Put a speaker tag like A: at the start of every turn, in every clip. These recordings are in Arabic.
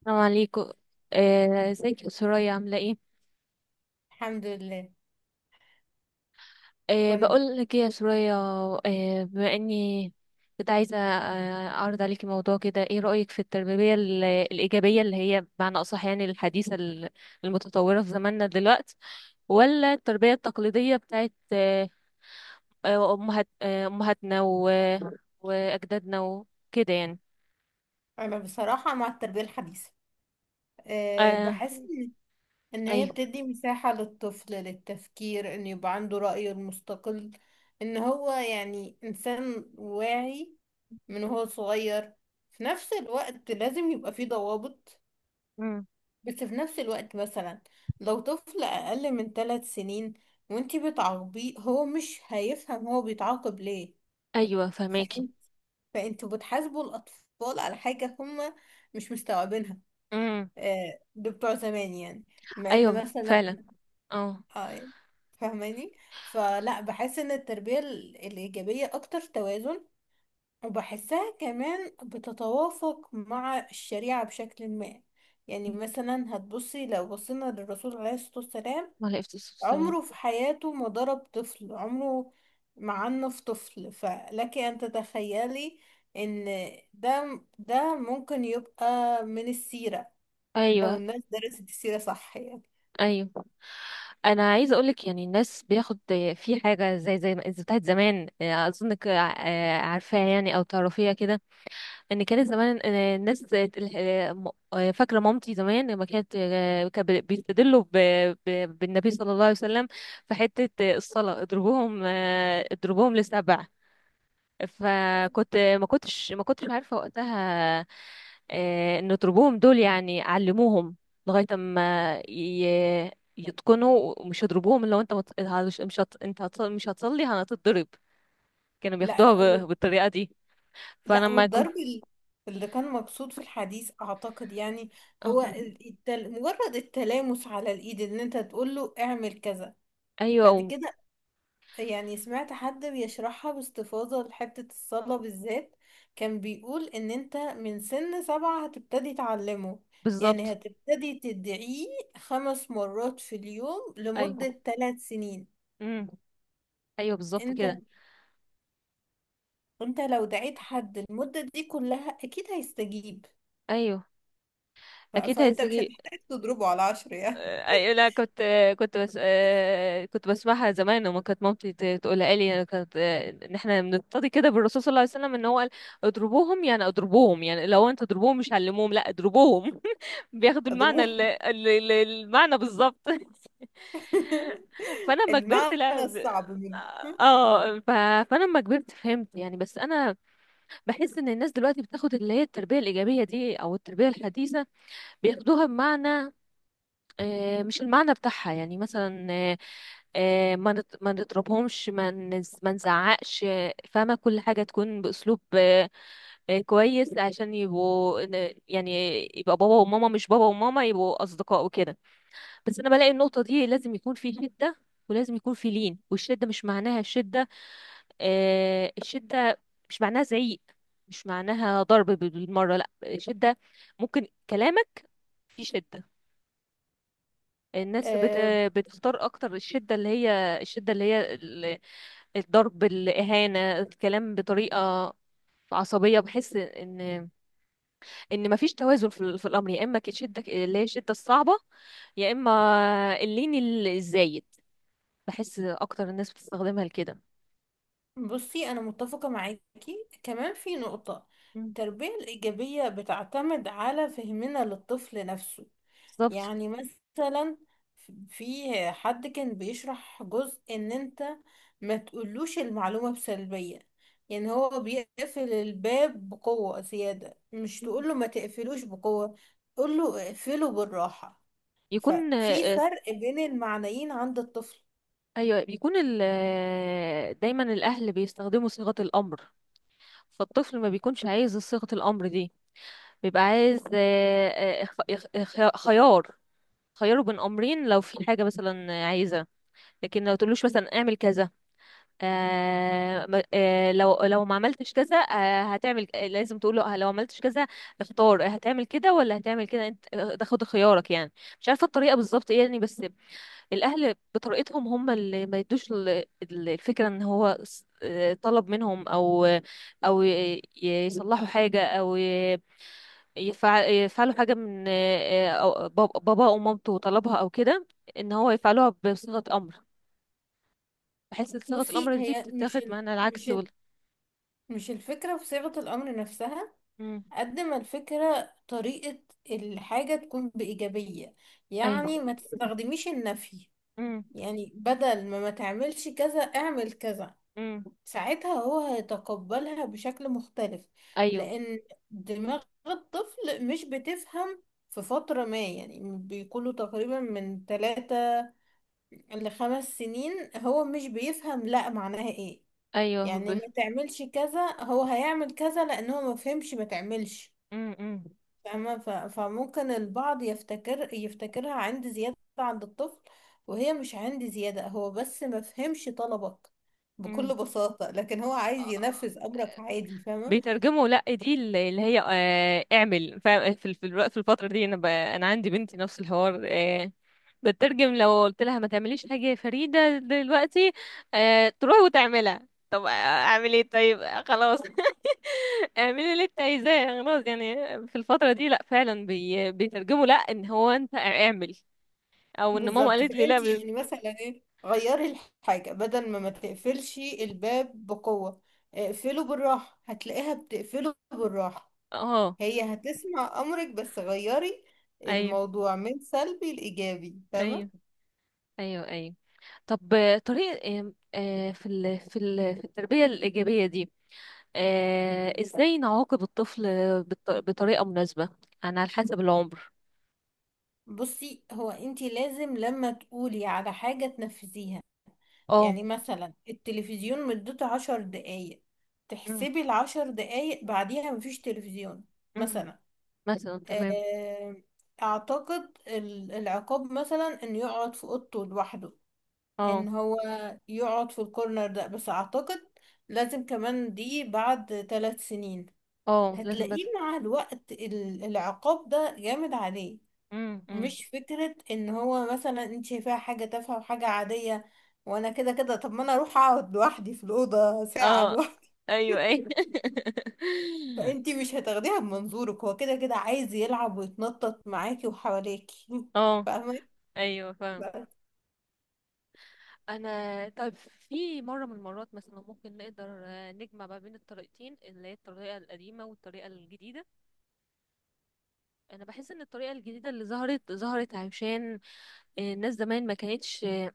A: السلام عليكم. ازيك يا سرايا، عامله ايه؟
B: الحمد لله. كنت
A: بقول لك ايه يا سرايا. بما اني كنت عايزه اعرض عليكي موضوع كده، ايه رايك في التربيه الايجابيه اللي هي بمعنى اصح يعني الحديثه المتطوره في زماننا دلوقتي، ولا التربيه التقليديه بتاعت امهات امهاتنا واجدادنا وكده يعني؟
B: انا بصراحه مع التربيه الحديثه. أه
A: آه.
B: بحس ان هي
A: ايوه
B: بتدي مساحه للطفل للتفكير ان يبقى عنده رايه المستقل، ان هو يعني انسان واعي من هو صغير. في نفس الوقت لازم يبقى فيه ضوابط،
A: مم.
B: بس في نفس الوقت مثلا لو طفل اقل من 3 سنين وانتي بتعاقبيه هو مش هيفهم هو بيتعاقب
A: ايوه، فهماكي.
B: ليه، فانتوا بتحاسبوا الاطفال على حاجه هم مش مستوعبينها.
A: مم.
B: ده بتوع زمان يعني، مع
A: ايوه،
B: ان مثلا،
A: فعلا. اه.
B: اه فاهماني. فلا بحس ان التربيه الايجابيه اكتر توازن، وبحسها كمان بتتوافق مع الشريعه بشكل ما. يعني مثلا هتبصي، لو بصينا للرسول عليه الصلاه والسلام
A: وعلى السلام.
B: عمره في حياته ما ضرب طفل، عمره ما عنف طفل. فلك أن تتخيلي إن ده ممكن يبقى من السيرة لو
A: ايوه،
B: الناس درست السيرة صح يعني.
A: ايوه. انا عايزه اقولك، يعني الناس بياخد في حاجه زي ما بتاعت زمان، اظنك عارفاها يعني، او تعرفيها كده. ان كانت زمان الناس فاكره مامتي زمان لما كانت بيستدلوا بالنبي صلى الله عليه وسلم في حته الصلاه، اضربوهم لـ7. فكنت، ما كنتش عارفه وقتها نضربوهم دول، يعني علموهم لغاية ما يتقنوا، ومش يضربوهم. لو انت مت- هت- مش هت... انت هت... مش هتصلي هتتضرب. كانوا
B: لا
A: بياخدوها
B: لا
A: بالطريقة دي. فانا
B: لا،
A: لما جو...
B: والضرب اللي كان مقصود في الحديث أعتقد يعني
A: اه.
B: هو مجرد التلامس على الإيد، إن أنت تقول له اعمل كذا بعد
A: ايوه،
B: كده. يعني سمعت حد بيشرحها باستفاضة لحتة الصلاة بالذات، كان بيقول ان انت من سن 7 هتبتدي تعلمه، يعني
A: بالظبط.
B: هتبتدي تدعيه 5 مرات في اليوم
A: ايوه.
B: لمدة 3 سنين.
A: امم. ايوه، بالظبط
B: انت
A: كده.
B: انت لو دعيت حد المدة دي كلها اكيد هيستجيب،
A: ايوه، اكيد
B: فانت مش
A: هيستجيب.
B: هتحتاج تضربه على 10 يعني.
A: أي لا، كنت بس كنت بسمعها زمان، وما كانت مامتي تقولها لي يعني، كانت ان احنا بنقتدي كده بالرسول صلى الله عليه وسلم، ان هو قال: اضربوهم، يعني اضربوهم، يعني لو انت تضربوهم، مش علموهم، لا اضربوهم. بياخدوا المعنى
B: اضربه
A: المعنى بالظبط. فانا لما كبرت،
B: المعنى
A: لا
B: الصعب منه.
A: اه. فانا لما كبرت فهمت يعني، بس انا بحس ان الناس دلوقتي بتاخد اللي هي التربيه الايجابيه دي او التربيه الحديثه، بياخدوها بمعنى مش المعنى بتاعها، يعني مثلا ما نضربهمش، ما نزعقش، فاهمة، كل حاجة تكون بأسلوب كويس، عشان يعني يبقى بابا وماما مش بابا وماما، يبقوا أصدقاء وكده. بس أنا بلاقي النقطة دي لازم يكون في شدة، ولازم يكون في لين. والشدة مش معناها الشدة، الشدة مش معناها زعيق، مش معناها ضرب بالمرة. لا، الشدة ممكن كلامك في شدة. الناس بتختار اكتر الشدة، اللي هي الشدة اللي هي الضرب، الإهانة، الكلام بطريقة عصبية. بحس ان مفيش توازن في الامر، يا اما الشدة اللي هي الشدة الصعبة، يا اما اللين الزايد، بحس اكتر الناس بتستخدمها لكده.
B: بصي أنا متفقة معاكي كمان في نقطة،
A: مم.
B: التربية الإيجابية بتعتمد على فهمنا للطفل نفسه.
A: بالظبط.
B: يعني مثلا في حد كان بيشرح جزء ان انت ما تقولوش المعلومة بسلبية، يعني هو بيقفل الباب بقوة زيادة، مش
A: مم.
B: تقوله ما تقفلوش بقوة، تقوله اقفله بالراحة.
A: يكون
B: ففي
A: آه،
B: فرق بين المعنيين عند الطفل.
A: ايوه، بيكون دايما الاهل بيستخدموا صيغة الامر، فالطفل ما بيكونش عايز صيغة الامر دي، بيبقى عايز خيار، خياره بين امرين لو في حاجه مثلا عايزه. لكن لو تقولوش مثلا اعمل كذا، لو ما عملتش كذا هتعمل، لازم تقوله لو عملتش كذا اختار، هتعمل كده ولا هتعمل كده، انت تاخد خيارك يعني. مش عارفه الطريقه بالظبط ايه يعني، بس الاهل بطريقتهم هم اللي ما يدوش الفكره ان هو طلب منهم، او او يصلحوا حاجه، او يفعلوا حاجة من بابا أو مامته طلبها أو كده، إن هو يفعلوها بصيغة أمر، بحيث إن صيغة
B: بصي
A: الأمر دي
B: هي
A: بتتاخد معنى
B: مش
A: العكس
B: ال... مش الفكرة في صيغة الأمر نفسها،
A: مم.
B: قد ما الفكرة طريقة الحاجة تكون بإيجابية، يعني
A: أيوه.
B: ما تستخدميش النفي.
A: مم.
B: يعني بدل ما تعملش كذا، اعمل كذا.
A: مم.
B: ساعتها هو هيتقبلها بشكل مختلف،
A: أيوه،
B: لأن دماغ الطفل مش بتفهم في فترة ما. يعني بيكونوا تقريبا من 3 ل5 سنين هو مش بيفهم لا معناها ايه.
A: أيوه
B: يعني ما تعملش كذا هو هيعمل كذا، لان هو ما فهمش ما تعملش.
A: مم. مم.
B: فاهمة؟ فممكن البعض يفتكرها عند زيادة عند الطفل، وهي مش عند زيادة، هو بس ما فهمش طلبك
A: مم.
B: بكل بساطة، لكن هو عايز
A: آه.
B: ينفذ امرك عادي. فاهمة؟
A: بيترجموا لا، دي اللي هي اعمل في الوقت، في الفترة دي انا انا عندي بنتي نفس الحوار. بترجم، لو قلت لها ما تعمليش حاجة يا فريدة دلوقتي، تروح وتعملها. طب اعمل ايه؟ طيب خلاص. اعملي اللي انت عايزاه، خلاص يعني. في الفترة دي لا، فعلا بيترجموا لا، ان هو انت اعمل، او ان ماما
B: بالظبط،
A: قالت لي لا
B: فانتي يعني مثلا ايه، غيري الحاجة، بدل ما ما تقفلش الباب بقوة، اقفله بالراحة، هتلاقيها بتقفله بالراحة.
A: اه.
B: هي هتسمع امرك، بس غيري
A: ايوه،
B: الموضوع من سلبي لايجابي. فاهمه؟
A: ايوه، ايوه، ايوه. طب طريقة آم، آه، في في التربية الإيجابية دي، ازاي نعاقب الطفل بطريقة مناسبة، يعني على حسب العمر.
B: بصي هو انتي لازم لما تقولي على حاجة تنفذيها،
A: اه.
B: يعني مثلا التلفزيون مدته 10 دقايق،
A: أم،
B: تحسبي ال10 دقايق بعديها مفيش تلفزيون
A: أم.
B: مثلا.
A: مثلا، تمام.
B: آه، اعتقد العقاب مثلا انه يقعد في اوضته لوحده،
A: اه،
B: ان هو يقعد في الكورنر ده، بس اعتقد لازم كمان دي بعد 3 سنين.
A: اه. لازم
B: هتلاقيه مع الوقت العقاب ده جامد عليه،
A: أم، أم.
B: مش فكرة ان هو مثلا انت شايفاها حاجة تافهة وحاجة عادية وانا كده كده، طب ما انا اروح اقعد لوحدي في الأوضة ساعة
A: اه.
B: لوحدي.
A: ايوه، ايوه.
B: فانت مش هتاخديها بمنظورك، هو كده كده عايز يلعب ويتنطط معاكي وحواليكي.
A: اه،
B: فاهمة؟
A: ايوه، فاهم.
B: بس-
A: انا طيب، في مره من المرات مثلا ممكن نقدر نجمع ما بين الطريقتين، اللي هي الطريقه القديمه والطريقه الجديده. انا بحس ان الطريقه الجديده اللي ظهرت عشان الناس زمان ما كانتش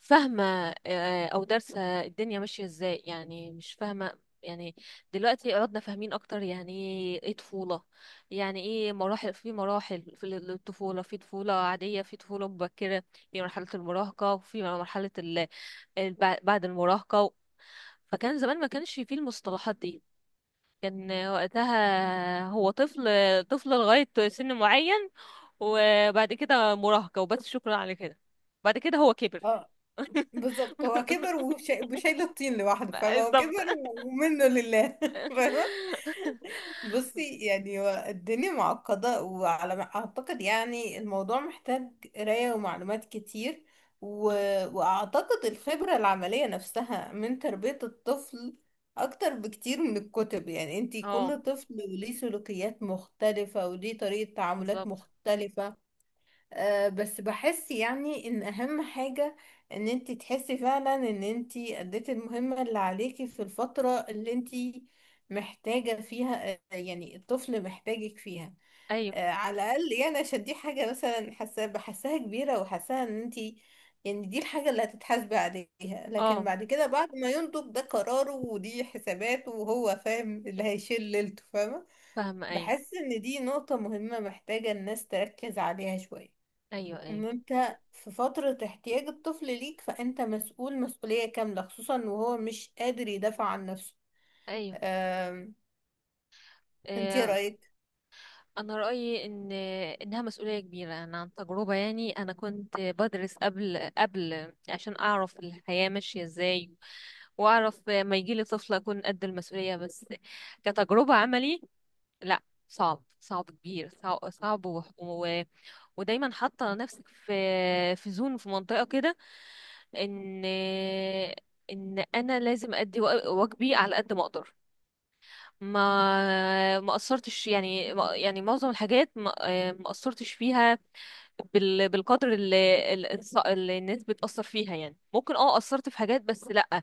A: فاهمه، او دارسه الدنيا ماشيه ازاي يعني، مش فاهمه يعني. دلوقتي عدنا فاهمين اكتر، يعني ايه طفوله؟ يعني ايه مراحل؟ في مراحل في الطفوله، في طفوله عاديه، في طفوله مبكره، في مرحله المراهقه، وفي مرحله ال- بعد المراهقه. فكان زمان ما كانش فيه المصطلحات دي، كان وقتها هو طفل، طفل لغاية سن معين، وبعد كده مراهقة وبس، شكرا على كده. بعد كده هو كبر.
B: اه بالظبط، هو كبر وشايل الطين لوحده، فاهمة، هو
A: بالظبط.
B: كبر ومنه لله. فاهمة؟ بصي يعني هو الدنيا معقدة، وعلى ما أعتقد يعني الموضوع محتاج قراية ومعلومات كتير و... وأعتقد الخبرة العملية نفسها من تربية الطفل أكتر بكتير من الكتب. يعني انتي
A: اه،
B: كل طفل وليه سلوكيات مختلفة وليه طريقة تعاملات
A: بالظبط.
B: مختلفة. بس بحس يعني ان اهم حاجة ان انتي تحسي فعلا ان انتي اديتي المهمة اللي عليكي في الفترة اللي انتي محتاجة فيها، يعني الطفل محتاجك فيها،
A: ايوه.
B: على الاقل يعني، عشان دي حاجة مثلا حاسة بحسها كبيرة وحاساها، ان انتي يعني دي الحاجة اللي هتتحاسبي عليها. لكن
A: اه،
B: بعد كده بعد ما ينضج، ده قراره ودي حساباته وهو فاهم اللي هيشيل ليلته. فاهمة؟
A: فاهمة، ايوه،
B: بحس ان دي نقطة مهمة محتاجة الناس تركز عليها شوية،
A: ايوه، ايوه،
B: ان انت في فترة احتياج الطفل ليك فانت مسؤول مسؤولية كاملة، خصوصا وهو مش قادر يدافع عن نفسه.
A: ايوه.
B: أم... انت ايه
A: آه،
B: رأيك؟
A: انا رايي ان انها مسؤوليه كبيره. انا عن تجربه يعني، انا كنت بدرس قبل عشان اعرف الحياه ماشيه ازاي، واعرف ما يجيلي طفل اكون قد المسؤوليه. بس كتجربه عملي، لا، صعب، صعب كبير، صعب، صعب ودايما حاطه نفسك في زون، في منطقه كده. ان انا لازم ادي واجبي على قد ما اقدر. ما قصرتش يعني، يعني معظم الحاجات ما قصرتش فيها بالقدر اللي اللي الناس بتأثر فيها، يعني ممكن اه قصرت في حاجات، بس لأ،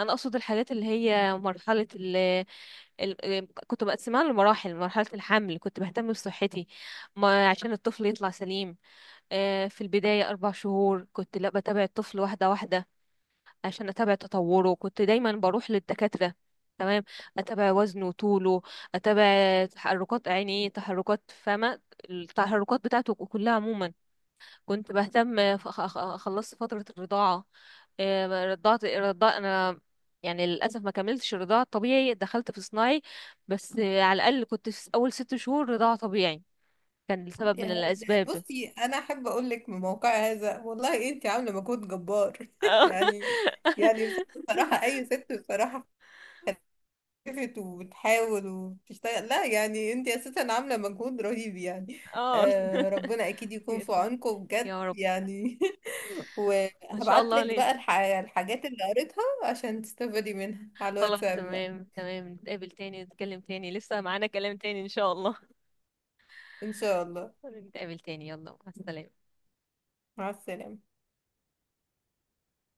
A: انا اقصد الحاجات اللي هي مرحلة كنت مقسماها لمراحل. مرحلة الحمل كنت بهتم بصحتي ما عشان الطفل يطلع سليم. في البداية 4 شهور كنت لا بتابع الطفل واحدة واحدة عشان اتابع تطوره، كنت دايما بروح للدكاترة، تمام، اتابع وزنه، طوله، اتابع تحركات عينيه، تحركات فمه، التحركات بتاعته كلها عموما. كنت بهتم، خلصت فترة الرضاعة. رضعت، رضع انا، يعني للاسف ما كملتش الرضاعة الطبيعي، دخلت في صناعي، بس على الاقل كنت في اول 6 شهور رضاعة طبيعي، كان لسبب من الاسباب.
B: بصي انا احب اقول لك من موقع هذا، والله انت عاملة مجهود جبار يعني. يعني بصراحة اي ست بصراحة خلفت وبتحاول وبتشتغل، لا يعني انت اساسا عاملة مجهود رهيب يعني.
A: اه.
B: أه ربنا اكيد يكون في عونكم بجد
A: يا رب.
B: يعني.
A: ان شاء
B: وهبعت
A: الله
B: لك
A: لين.
B: بقى الحاجات اللي قريتها عشان تستفادي منها على
A: خلاص،
B: الواتساب بقى.
A: تمام، تمام، نتقابل تاني، نتكلم تاني، لسه معانا كلام تاني ان شاء الله.
B: ان شاء الله.
A: نتقابل تاني، يلا مع السلامة.
B: مع السلامة.